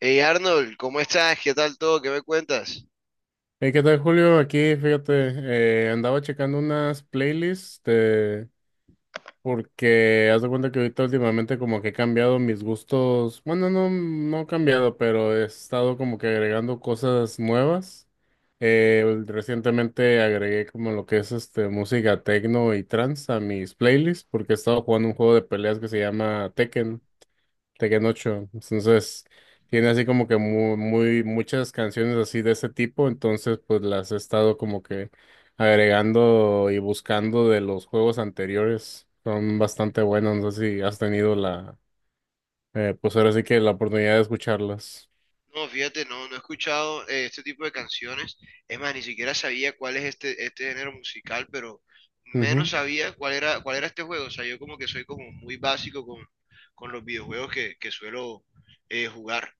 Hey Arnold, ¿cómo estás? ¿Qué tal todo? ¿Qué me cuentas? Hey, ¿qué tal, Julio? Aquí, fíjate, andaba checando unas playlists porque haz de cuenta que ahorita últimamente como que he cambiado mis gustos. Bueno, no, no he cambiado, pero he estado como que agregando cosas nuevas. Recientemente agregué como lo que es este música techno y trance a mis playlists porque he estado jugando un juego de peleas que se llama Tekken. Tekken 8. Entonces, tiene así como que muy, muy, muchas canciones así de ese tipo. Entonces, pues las he estado como que agregando y buscando de los juegos anteriores. Son bastante buenos. No sé si has tenido la, pues ahora sí que la oportunidad de escucharlas. No, fíjate, no, no he escuchado este tipo de canciones. Es más, ni siquiera sabía cuál es este género musical, pero menos Ujú, sabía cuál era este juego. O sea, yo como que soy como muy básico con los videojuegos que suelo jugar.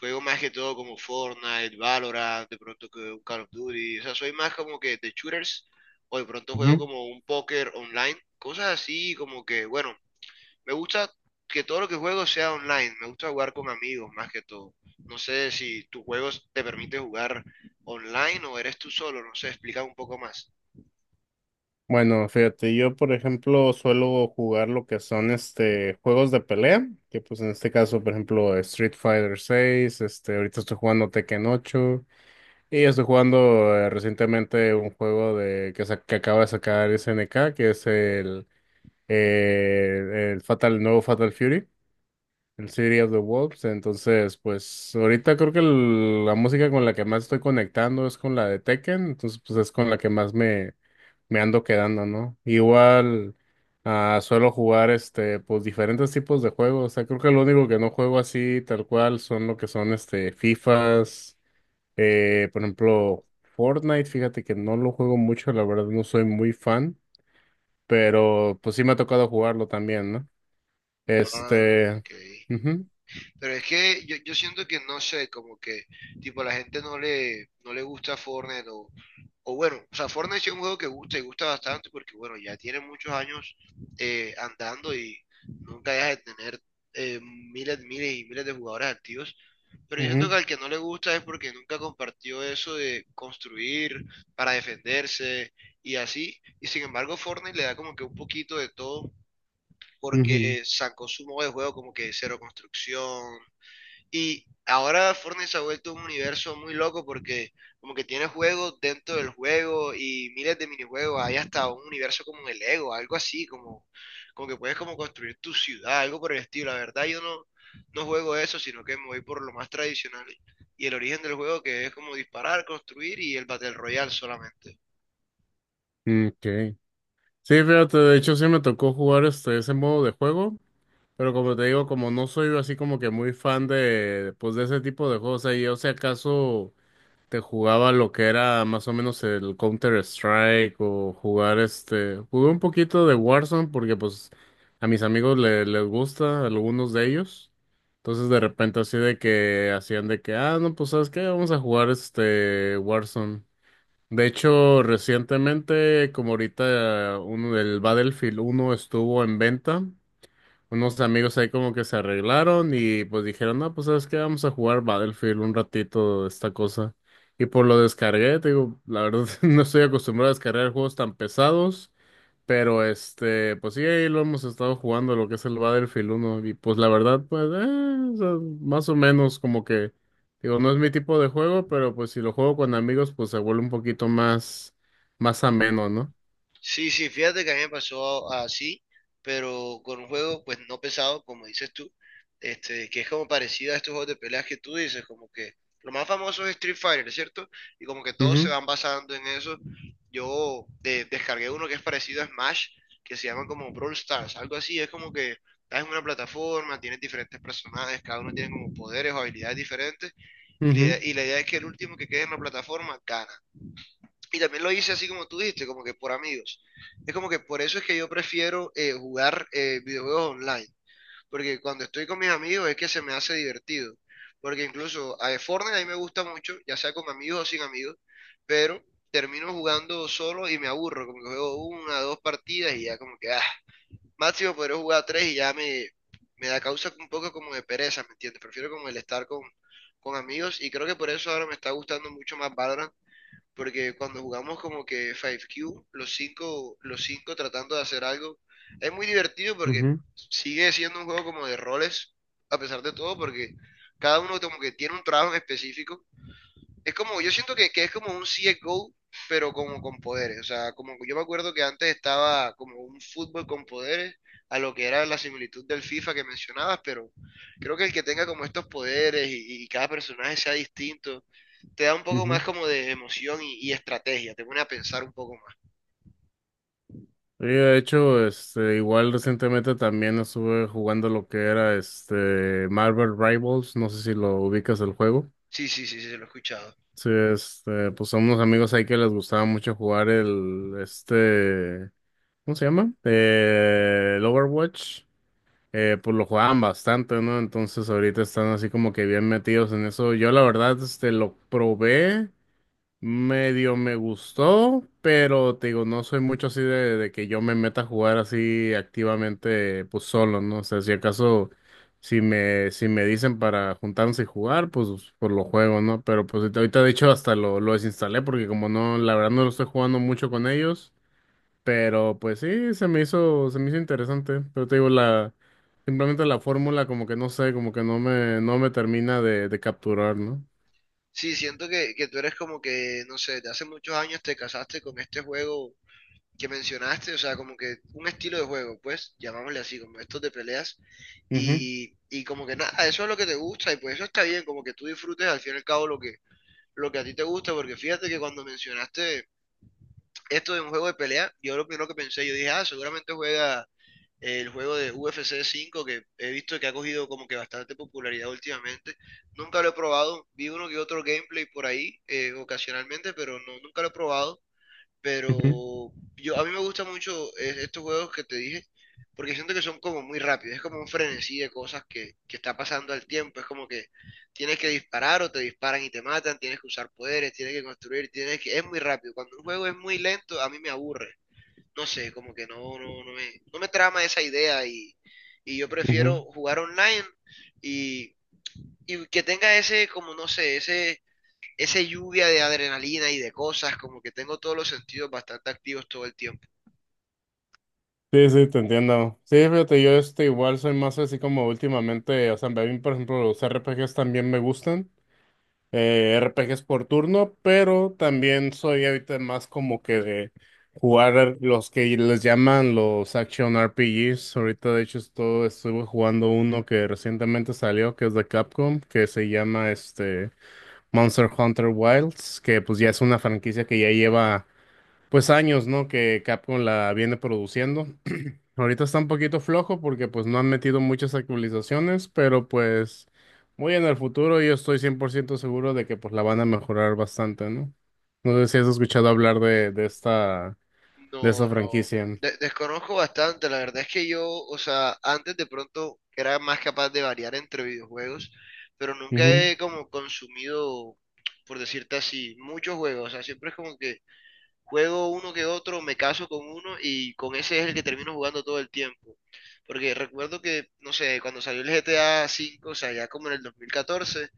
Juego más que todo como Fortnite, Valorant, de pronto que un Call of Duty. O sea, soy más como que de shooters o de pronto juego ujú. como un póker online. Cosas así como que, bueno. Me gusta que todo lo que juego sea online, me gusta jugar con amigos más que todo. No sé si tu juego te permite jugar online o eres tú solo, no sé, explica un poco más. Bueno, fíjate, yo por ejemplo suelo jugar lo que son este juegos de pelea, que pues en este caso, por ejemplo, Street Fighter 6, este, ahorita estoy jugando Tekken 8. Y estoy jugando recientemente un juego de que, que acaba de sacar SNK, que es el Fatal, el nuevo Fatal Fury, el City of the Wolves. Entonces, pues ahorita creo que la música con la que más estoy conectando es con la de Tekken, entonces pues es con la que más me ando quedando, ¿no? Igual suelo jugar este, pues diferentes tipos de juegos. O sea, creo que lo único que no juego así tal cual son lo que son este FIFAs. Por ejemplo, Fortnite, fíjate que no lo juego mucho, la verdad no soy muy fan, pero pues sí me ha tocado jugarlo también, ¿no? Ah, Este. ok. Ujú, Pero es que yo siento que no sé, como que tipo la gente no no le gusta Fortnite o bueno, o sea, Fortnite sí es un juego que gusta y gusta bastante porque bueno, ya tiene muchos años andando y nunca deja de tener miles, miles y miles de jugadores activos. Pero yo siento ujú, que al que no le gusta es porque nunca compartió eso de construir para defenderse y así. Y sin embargo, Fortnite le da como que un poquito de todo ujú. porque sacó su modo de juego como que cero construcción, y ahora Fortnite se ha vuelto un universo muy loco porque como que tiene juegos dentro del juego y miles de minijuegos. Hay hasta un universo como el Lego, algo así, como, como que puedes como construir tu ciudad, algo por el estilo. La verdad yo no, no juego eso, sino que me voy por lo más tradicional y el origen del juego que es como disparar, construir y el Battle Royale solamente. Okay. Sí, fíjate, de hecho sí me tocó jugar este, ese modo de juego, pero como te digo, como no soy así como que muy fan de, pues de ese tipo de juegos, ahí, o sea, acaso. Te jugaba lo que era más o menos el Counter-Strike o jugar este, jugué un poquito de Warzone porque pues a mis amigos les gusta, a algunos de ellos. Entonces de repente así de que hacían de que, ah, no, pues ¿sabes qué? Vamos a jugar este Warzone. De hecho, recientemente, como ahorita uno del Battlefield 1 estuvo en venta, unos amigos ahí como que se arreglaron y pues dijeron, no, pues sabes qué, vamos a jugar Battlefield un ratito, esta cosa. Y pues lo descargué, te digo, la verdad no estoy acostumbrado a descargar juegos tan pesados, pero este, pues sí, ahí lo hemos estado jugando, lo que es el Battlefield 1. Y pues la verdad, pues, o sea, más o menos como que, digo, no es mi tipo de juego, pero pues si lo juego con amigos, pues se vuelve un poquito más, más ameno, ¿no? Sí, sí, fíjate que a mí me pasó así, pero con un juego pues no pesado, como dices tú, este, que es como parecido a estos juegos de peleas que tú dices, como que lo más famoso es Street Fighter, ¿cierto? Y como que todos se Ujú, van basando en eso. Yo descargué uno que es parecido a Smash, que se llama como Brawl Stars, algo así, es como que estás en una plataforma, tienes diferentes personajes, cada uno tiene como poderes o habilidades diferentes, y la idea es que el último que quede en la plataforma gana. Y también lo hice así como tú dijiste, como que por amigos. Es como que por eso es que yo prefiero jugar videojuegos online, porque cuando estoy con mis amigos es que se me hace divertido. Porque incluso a Fortnite a mí me gusta mucho, ya sea con amigos o sin amigos, pero termino jugando solo y me aburro, como que juego una, dos partidas y ya como que, ah, máximo podré jugar tres y ya me da causa un poco como de pereza, ¿me entiendes? Prefiero como el estar con amigos y creo que por eso ahora me está gustando mucho más Valorant porque cuando jugamos como que 5Q, los cinco tratando de hacer algo, es muy divertido ujú, porque ujú, sigue siendo un juego como de roles, a pesar de todo, porque cada uno como que tiene un trabajo en específico es como, yo siento que es como un CSGO, pero como con poderes. O sea, como yo me acuerdo que antes estaba como un fútbol con poderes, a lo que era la similitud del FIFA que mencionabas, pero creo que el que tenga como estos poderes y cada personaje sea distinto, te da un poco más ujú. como de emoción y estrategia, te pone a pensar un poco más. Y de hecho, este, igual recientemente también estuve jugando lo que era este Marvel Rivals, no sé si lo ubicas el juego. Sí, sí, sí, sí, se lo he escuchado. Sí, este, pues son unos amigos ahí que les gustaba mucho jugar el, este, ¿cómo se llama? El Overwatch. Pues lo jugaban bastante, ¿no? Entonces ahorita están así como que bien metidos en eso. Yo la verdad, este, lo probé. Medio me gustó, pero te digo, no soy mucho así de que yo me meta a jugar así activamente, pues solo, ¿no? O sea, si acaso, si me dicen para juntarnos y jugar, pues por lo juego, ¿no? Pero pues ahorita, de hecho hasta lo desinstalé porque como no, la verdad no lo estoy jugando mucho con ellos, pero pues sí, se me hizo interesante, pero te digo, la, simplemente la fórmula como que no sé, como que no me termina de capturar, no. Sí, siento que tú eres como que, no sé, de hace muchos años te casaste con este juego que mencionaste, o sea, como que un estilo de juego, pues, llamámosle así, como estos de peleas, Ujú, y como que nada, eso es lo que te gusta, y pues eso está bien, como que tú disfrutes al fin y al cabo lo lo que a ti te gusta, porque fíjate que cuando mencionaste esto de un juego de pelea, yo lo primero que pensé, yo dije, ah, seguramente juega el juego de UFC 5, que he visto que ha cogido como que bastante popularidad últimamente, nunca lo he probado, vi uno que otro gameplay por ahí, ocasionalmente, pero no, nunca lo he probado, ujú, pero yo, a mí me gustan mucho estos juegos que te dije, porque siento que son como muy rápidos, es como un frenesí de cosas que está pasando al tiempo, es como que tienes que disparar o te disparan y te matan, tienes que usar poderes, tienes que construir, tienes que, es muy rápido, cuando un juego es muy lento a mí me aburre, no sé, como que no, no, no no me trama esa idea y yo ujú. prefiero jugar online y, y que tenga ese, como no sé, ese lluvia de adrenalina y de cosas, como que tengo todos los sentidos bastante activos todo el tiempo. Sí, sí, te entiendo. Sí, fíjate, yo este igual soy más así como últimamente, o sea, a mí, por ejemplo, los RPGs también me gustan, RPGs por turno, pero también soy ahorita más como que de jugar los que les llaman los Action RPGs. Ahorita, de hecho, estoy, estuve jugando uno que recientemente salió, que es de Capcom, que se llama este Monster Hunter Wilds, que pues ya es una franquicia que ya lleva, pues, años, ¿no? Que Capcom la viene produciendo. Ahorita está un poquito flojo porque pues no han metido muchas actualizaciones, pero pues muy en el futuro yo estoy 100% seguro de que pues la van a mejorar bastante, ¿no? No sé si has escuchado hablar de, de esta, de No, esta no, franquicia. de- desconozco bastante, la verdad es que yo, o sea, antes de pronto era más capaz de variar entre videojuegos, pero nunca Ujú, he como consumido, por decirte así, muchos juegos, o sea, siempre es como que juego uno que otro, me caso con uno y con ese es el que termino jugando todo el tiempo. Porque recuerdo que, no sé, cuando salió el GTA V, o sea, ya como en el 2014,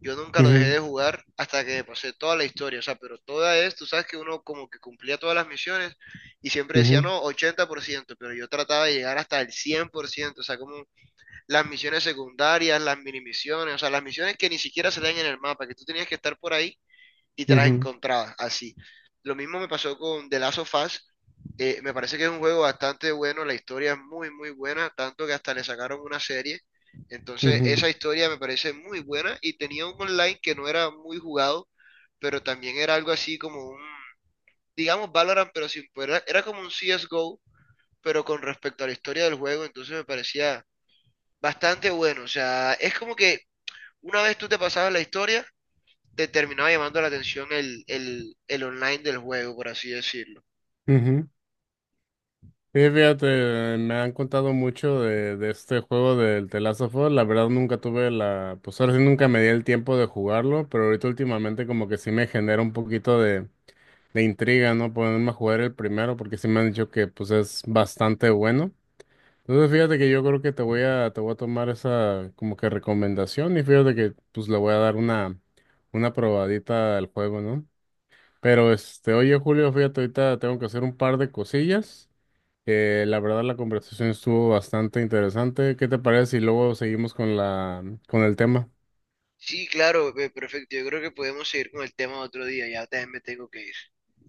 yo nunca lo dejé ujú, de jugar hasta que pasé toda la historia. O sea, pero toda es, tú sabes que uno como que cumplía todas las misiones y siempre decía, ujú, no, 80%, pero yo trataba de llegar hasta el 100%. O sea, como las misiones secundarias, las mini misiones, o sea, las misiones que ni siquiera se dan en el mapa, que tú tenías que estar por ahí y te las ujú, encontrabas así. Lo mismo me pasó con The Last of Us. Me parece que es un juego bastante bueno, la historia es muy, muy buena, tanto que hasta le sacaron una serie. Entonces, ujú, esa historia me parece muy buena y tenía un online que no era muy jugado, pero también era algo así como un, digamos, Valorant, pero sin poder, era, era como un CSGO, pero con respecto a la historia del juego, entonces me parecía bastante bueno. O sea, es como que una vez tú te pasabas la historia, te terminaba llamando la atención el online del juego, por así decirlo. ujú. Sí, fíjate, me han contado mucho de este juego del The Last of Us. La verdad nunca tuve la, pues ahora sí nunca me di el tiempo de jugarlo, pero ahorita últimamente como que sí me genera un poquito de. Me intriga no ponerme a jugar el primero porque sí me han dicho que pues es bastante bueno. Entonces fíjate que yo creo que te voy a tomar esa como que recomendación y fíjate que pues le voy a dar una probadita al juego, ¿no? Pero este, oye Julio, fíjate, ahorita tengo que hacer un par de cosillas. La verdad la conversación estuvo bastante interesante. ¿Qué te parece si luego seguimos con el tema? Sí, claro, perfecto. Yo creo que podemos seguir con el tema otro día. Ya también me tengo que ir.